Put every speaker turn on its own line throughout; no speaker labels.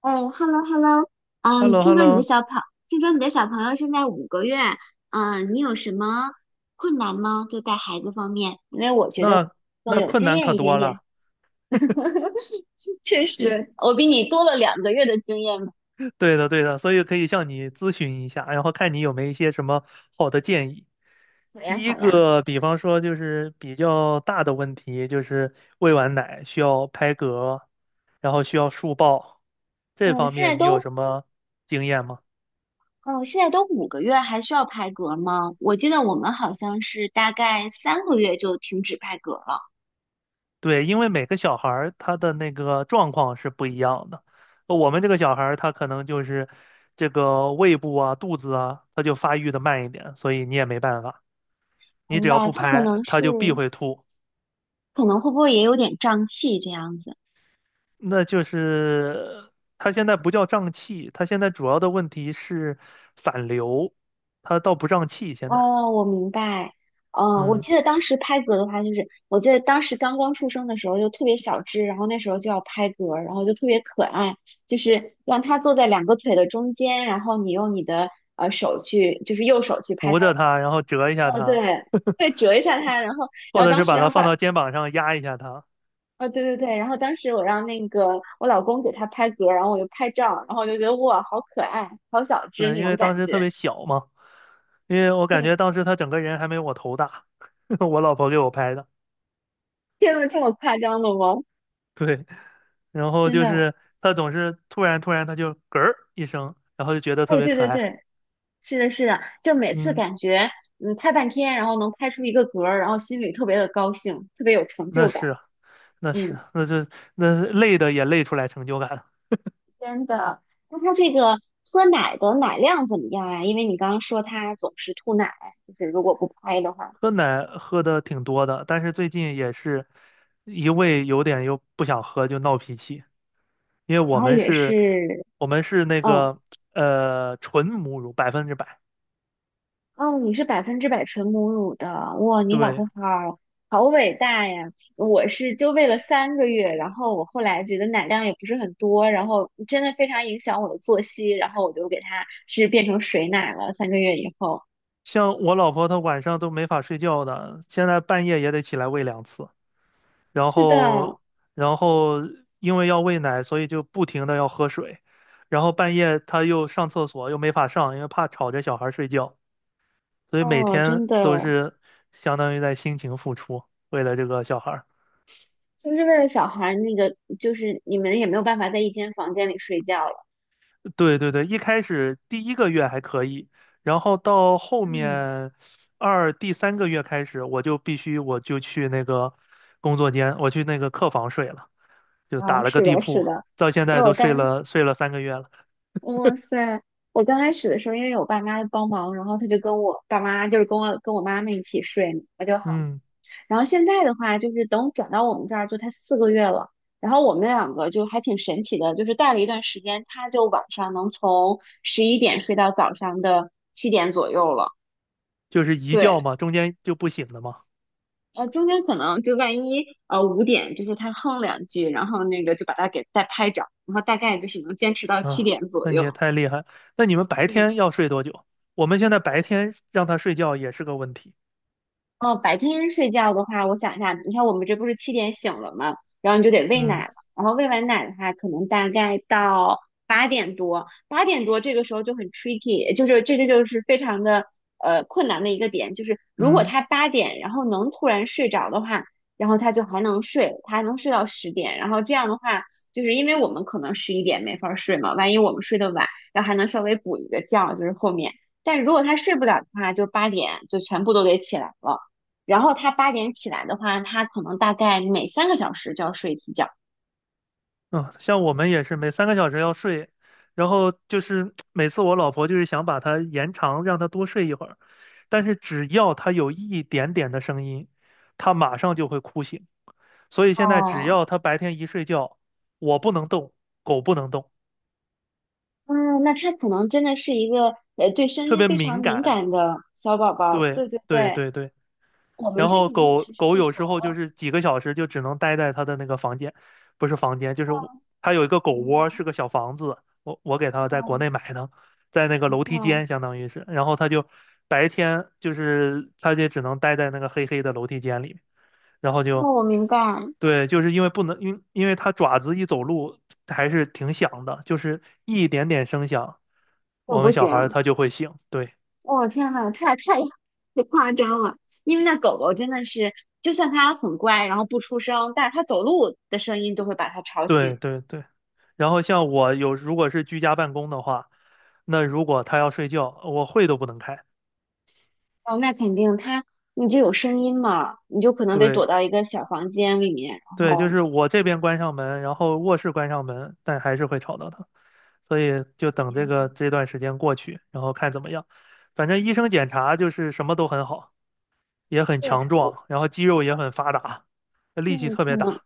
哎 h e l l o hello，
h e l
你
l o h
听
e l l
说
o
你的小朋，听说你的小朋友现在五个月。你有什么困难吗？就带孩子方面，因为我觉得我
那
更
那
有
困
经
难可
验一点
多
点。
了。
确实，我比你多了2个月的经验嘛。
对的，对的，所以可以向你咨询一下，然后看你有没有一些什么好的建议。
好呀，
第一
好呀。
个，比方说就是比较大的问题，就是喂完奶需要拍嗝，然后需要竖抱，这
嗯，
方
现在
面你有
都，
什么经验吗？
嗯，现在都五个月，还需要拍嗝吗？我记得我们好像是大概三个月就停止拍嗝了。
对，因为每个小孩儿他的那个状况是不一样的。我们这个小孩儿他可能就是这个胃部啊、肚子啊，他就发育的慢一点，所以你也没办法。你只
明
要
白，
不
他可
拍，
能
它
是，
就必会吐。
可能会不会也有点胀气这样子？
那就是它现在不叫胀气，它现在主要的问题是反流，它倒不胀气。现在，
哦，我明白。嗯，我
嗯，
记得当时拍嗝的话，就是我记得当时刚刚出生的时候就特别小只，然后那时候就要拍嗝，然后就特别可爱，就是让它坐在两个腿的中间，然后你用你的手去，就是右手去拍
扶
它
着它，然后折一下
的。哦，
它，
对。对，折一下
或
它，
或
然后
者
当
是
时
把它
让
放
爸，
到肩膀上压一下它。
哦，对对对，然后当时我让那个我老公给它拍嗝，然后我就拍照，然后我就觉得哇，好可爱，好小只
对，
那
因
种
为当
感
时特
觉。
别小嘛，因为我感
对，
觉当时他整个人还没我头大，我老婆给我拍的。
天呐，这么夸张了吗？
对，然后
真
就
的。
是他总是突然他就嗝儿一声，然后就觉得特
哎，
别
对
可
对
爱。
对，是的，是的，就每次
嗯，
感觉拍半天，然后能拍出一个格儿，然后心里特别的高兴，特别有成
那
就
是
感。
啊。那是，
嗯，
那累的也累出来成就感了。
真的。那他这个喝奶的奶量怎么样呀？因为你刚刚说他总是吐奶，就是如果不拍的话，
喝奶喝的挺多的，但是最近也是一味有点又不想喝就闹脾气，因为
然
我
后
们
也
是，
是。
我们是那
嗯。
个纯母乳100%。
哦，你是100%纯母乳的，哇，你老
对，
婆好好伟大呀！我是就喂了三个月，然后我后来觉得奶量也不是很多，然后真的非常影响我的作息，然后我就给它是变成水奶了。三个月以后，
像我老婆她晚上都没法睡觉的，现在半夜也得起来喂2次，然
是
后
的。
然后因为要喂奶，所以就不停的要喝水，然后半夜她又上厕所又没法上，因为怕吵着小孩睡觉。所以每
哦，
天
真的。
都是相当于在辛勤付出，为了这个小孩儿。
就是为了小孩儿那个，就是你们也没有办法在一间房间里睡觉了？
对对对，一开始第一个月还可以，然后到后
嗯。
面第三个月开始，我就去那个工作间，我去那个客房睡了，就打
啊，
了个
是
地
的，是
铺，
的。
到现
所
在
以我
都睡
当
了睡了三个月了。
哇塞！我刚开始的时候，因为我爸妈帮忙，然后他就跟我爸妈，就是跟我妈妈一起睡，我就好。
嗯，
然后现在的话，就是等转到我们这儿，就他4个月了。然后我们两个就还挺神奇的，就是带了一段时间，他就晚上能从十一点睡到早上的七点左右了。
就是一觉
对，
嘛，中间就不醒了嘛。
中间可能就万一5点，就是他哼两句，然后那个就把他给再拍着，然后大概就是能坚持到七
啊，
点左
那你
右。
也太厉害。那你们白
嗯。
天要睡多久？我们现在白天让他睡觉也是个问题。
哦，白天睡觉的话，我想一下，你看我们这不是七点醒了吗？然后你就得喂
嗯
奶了，然后喂完奶的话，可能大概到八点多。八点多这个时候就很 tricky，就是这就是非常的困难的一个点，就是如果
嗯。
他八点然后能突然睡着的话，然后他就还能睡，他还能睡到10点，然后这样的话，就是因为我们可能十一点没法儿睡嘛，万一我们睡得晚，然后还能稍微补一个觉，就是后面。但如果他睡不了的话，就八点就全部都得起来了。然后他八点起来的话，他可能大概每3个小时就要睡一次觉。
嗯，像我们也是每3个小时要睡，然后就是 每次我老婆就是想把它延长，让它多睡一会儿，但是只要它有一点点的声音，它马上就会哭醒。所以现在只
哦。
要它白天一睡觉，我不能动，狗不能动，
嗯，那他可能真的是一个对声
特
音
别
非常
敏
敏
感。
感的小宝宝。
对
对对
对
对，
对对。
我们
然
这
后
个如果
狗
是
狗
睡
有
熟
时候就
了，
是几个小时就只能待在它的那个房间，不是房间，就是我它有一个狗
明白。
窝，是个小房子，我给它在国
哦，
内买的，在那个楼梯
哦，
间相当于是，然后它就白天就是它就只能待在那个黑黑的楼梯间里，然后
哦，
就
我明白。
对，就是因为不能因为它爪子一走路还是挺响的，就是一点点声响，
我
我
不
们小孩儿
行，
他就会醒，对。
天呐，太夸张了，因为那狗狗真的是，就算它很乖，然后不出声，但是它走路的声音都会把它吵醒。
对对对，然后像如果是居家办公的话，那如果他要睡觉，我会都不能开。
哦，那肯定他你就有声音嘛，你就可能得
对
躲到一个小房间里面，然
对，就
后
是我这边关上门，然后卧室关上门，但还是会吵到他，所以就等这个这段时间过去，然后看怎么样。反正医生检查就是什么都很好，也很
对
强
我，
壮，然后肌肉也很发达，力气
嗯，
特别
可能。
大。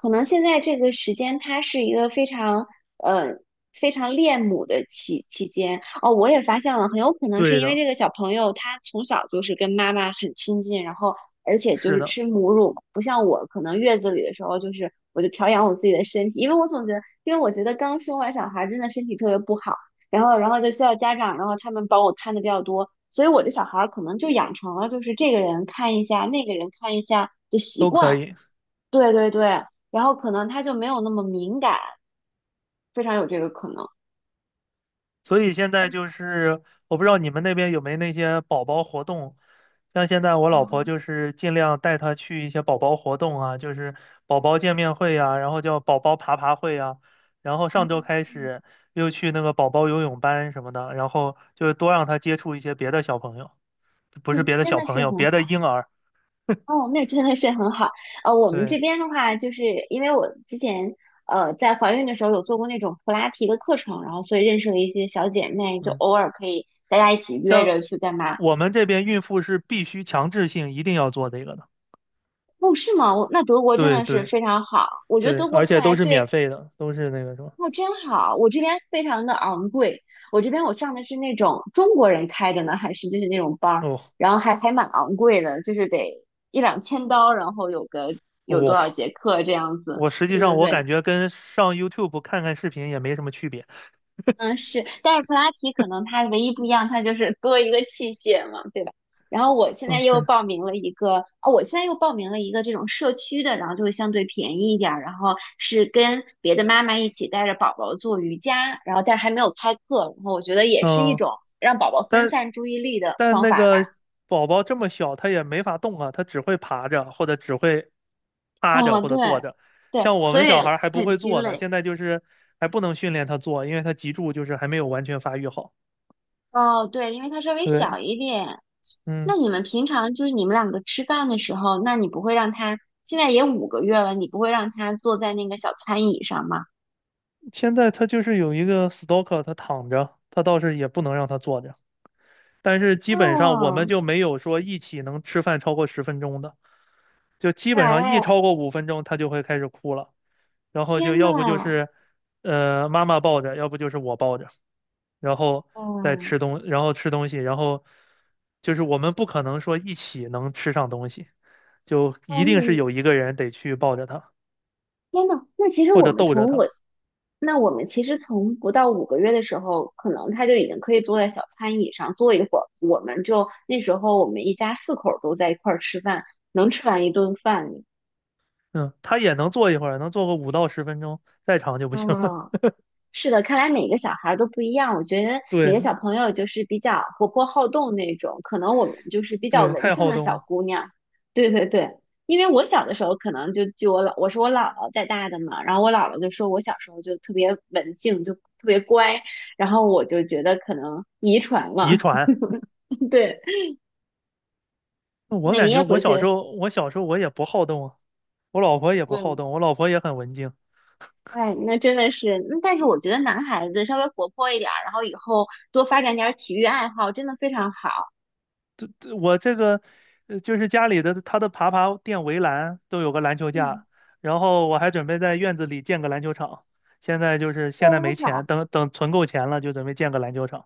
可能现在这个时间，它是一个非常呃非常恋母的期间哦。我也发现了，很有可能是
对
因为
的，
这个小朋友他从小就是跟妈妈很亲近，然后而且就
是
是
的，
吃母乳，不像我可能月子里的时候就是我就调养我自己的身体，因为我总觉得，刚生完小孩真的身体特别不好，然后就需要家长，然后他们帮我看的比较多，所以我这小孩儿可能就养成了就是这个人看一下，那个人看一下的习
都可
惯。
以。
对对对，然后可能他就没有那么敏感，非常有这个可能。
所以现在就是，我不知道你们那边有没有那些宝宝活动，像现在我老婆就是尽量带她去一些宝宝活动啊，就是宝宝见面会呀，然后叫宝宝爬爬会啊，然后上周开始又去那个宝宝游泳班什么的，然后就是多让她接触一些别的小朋友，不是
嗯，
别的
真
小
的
朋
是
友，
很
别的
好。
婴儿，
哦，那真的是很好。呃，我们
对，
这边的话，就是因为我之前在怀孕的时候有做过那种普拉提的课程，然后所以认识了一些小姐妹，就
嗯，
偶尔可以大家一起约
像
着去干嘛。
我们这边孕妇是必须强制性一定要做这个的，
哦，是吗？德国真
对
的是
对
非常好。我觉得
对，
德国
而
看
且
来
都是免
对。
费的，都是那个什么。
哦，真好！我这边非常的昂贵，我这边我上的是那种中国人开的呢，还是就是那种班儿，
哦，
然后还蛮昂贵的，就是得一两千刀，然后有有多少
哇，
节课这样子。
我实际
对
上
对
我
对。
感觉跟上 YouTube 看看视频也没什么区别。
嗯，是，但是普拉提可能它唯一不一样，它就是多一个器械嘛，对吧？然后我现在又
OK，
报名了一个，哦，我现在又报名了一个这种社区的，然后就会相对便宜一点儿，然后是跟别的妈妈一起带着宝宝做瑜伽，然后但是还没有开课，然后我觉得也是一
嗯，
种让宝宝分
但
散注意力的
但
方
那
法
个
吧。
宝宝这么小，他也没法动啊，他只会爬着，或者只会趴着，
哦，
或
对。
者坐着。
对，
像我
所
们小孩
以
儿还不
很
会
鸡
坐呢，
肋。
现在就是还不能训练他坐，因为他脊柱就是还没有完全发育好。
哦，对，因为它稍微
对，
小一点。
嗯，
那你们平常就是你们两个吃饭的时候，那你不会让他，现在也五个月了，你不会让他坐在那个小餐椅上吗？
现在他就是有一个 stalker，他躺着，他倒是也不能让他坐着，但是基本上我们
哦。
就没有说一起能吃饭超过十分钟的。就基本上一
哎，
超过5分钟，他就会开始哭了。然后就
天
要不就
呐。
是，妈妈抱着，要不就是我抱着，然后再
嗯。
吃东，然后吃东西，然后就是我们不可能说一起能吃上东西，就一定是
嗯，
有一个人得去抱着他
天呐，
或者逗着他。
那我们其实从不到五个月的时候，可能他就已经可以坐在小餐椅上坐一会儿。我们就那时候我们一家四口都在一块儿吃饭，能吃完一顿饭。
嗯，他也能坐一会儿，能坐个5到10分钟，再长就不行了。
嗯，是的，看来每个小孩儿都不一样。我觉得 你
对
的小朋友就是比较活泼好动那种，可能我们就是比较
对，
文
太
静
好
的
动
小
了，
姑娘。对对对，因为我小的时候可能就我是我姥姥带大的嘛，然后我姥姥就说我小时候就特别文静，就特别乖，然后我就觉得可能遗传了。
遗传。
对。
我
那你
感觉
也回去。
我小时候我也不好动啊，我老婆也不好
嗯。
动，我老婆也很文静。
哎，那真的是，但是我觉得男孩子稍微活泼一点儿，然后以后多发展点儿体育爱好，真的非常好。
我这个就是家里的他的爬爬垫围栏都有个篮球
嗯，
架，然后我还准备在院子里建个篮球场。
非
现在没
常
钱，
好。
等等存够钱了就准备建个篮球场。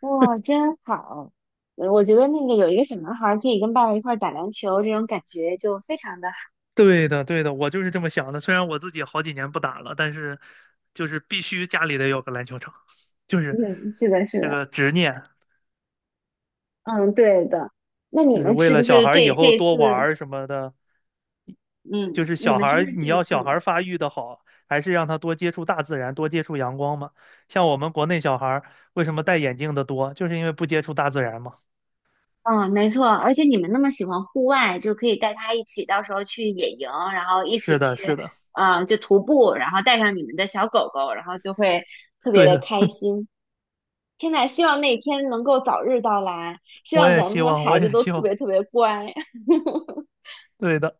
哇，真好！我觉得那个有一个小男孩儿可以跟爸爸一块儿打篮球，这种感觉就非常的好。
对的，对的，我就是这么想的。虽然我自己好几年不打了，但是就是必须家里得有个篮球场，就是
嗯，是的，是
这
的。
个执念，
嗯，对的。那你
就是
们
为
是
了
不
小
是
孩儿以
这这
后
一
多
次？
玩儿什么的。就
嗯，
是
你
小
们
孩
是不
儿，
是这
你
一
要小
次？
孩儿发育的好，还是让他多接触大自然，多接触阳光嘛。像我们国内小孩儿为什么戴眼镜的多，就是因为不接触大自然嘛。
嗯，没错。而且你们那么喜欢户外，就可以带他一起，到时候去野营，然后一起
是的，
去，
是的，
就徒步，然后带上你们的小狗狗，然后就会特别
对
的
的，
开心。天呐，希望那天能够早日到来，希
我
望
也
咱们
希
的
望，我
孩子
也
都
希
特
望，
别特别乖。
对的。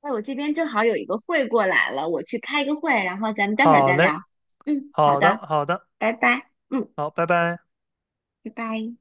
哎，我这边正好有一个会过来了，我去开个会，然后咱们待会儿
好
再
嘞，
聊。嗯，好
好的，
的，
好的，
拜拜。嗯，
好，拜拜。
拜拜。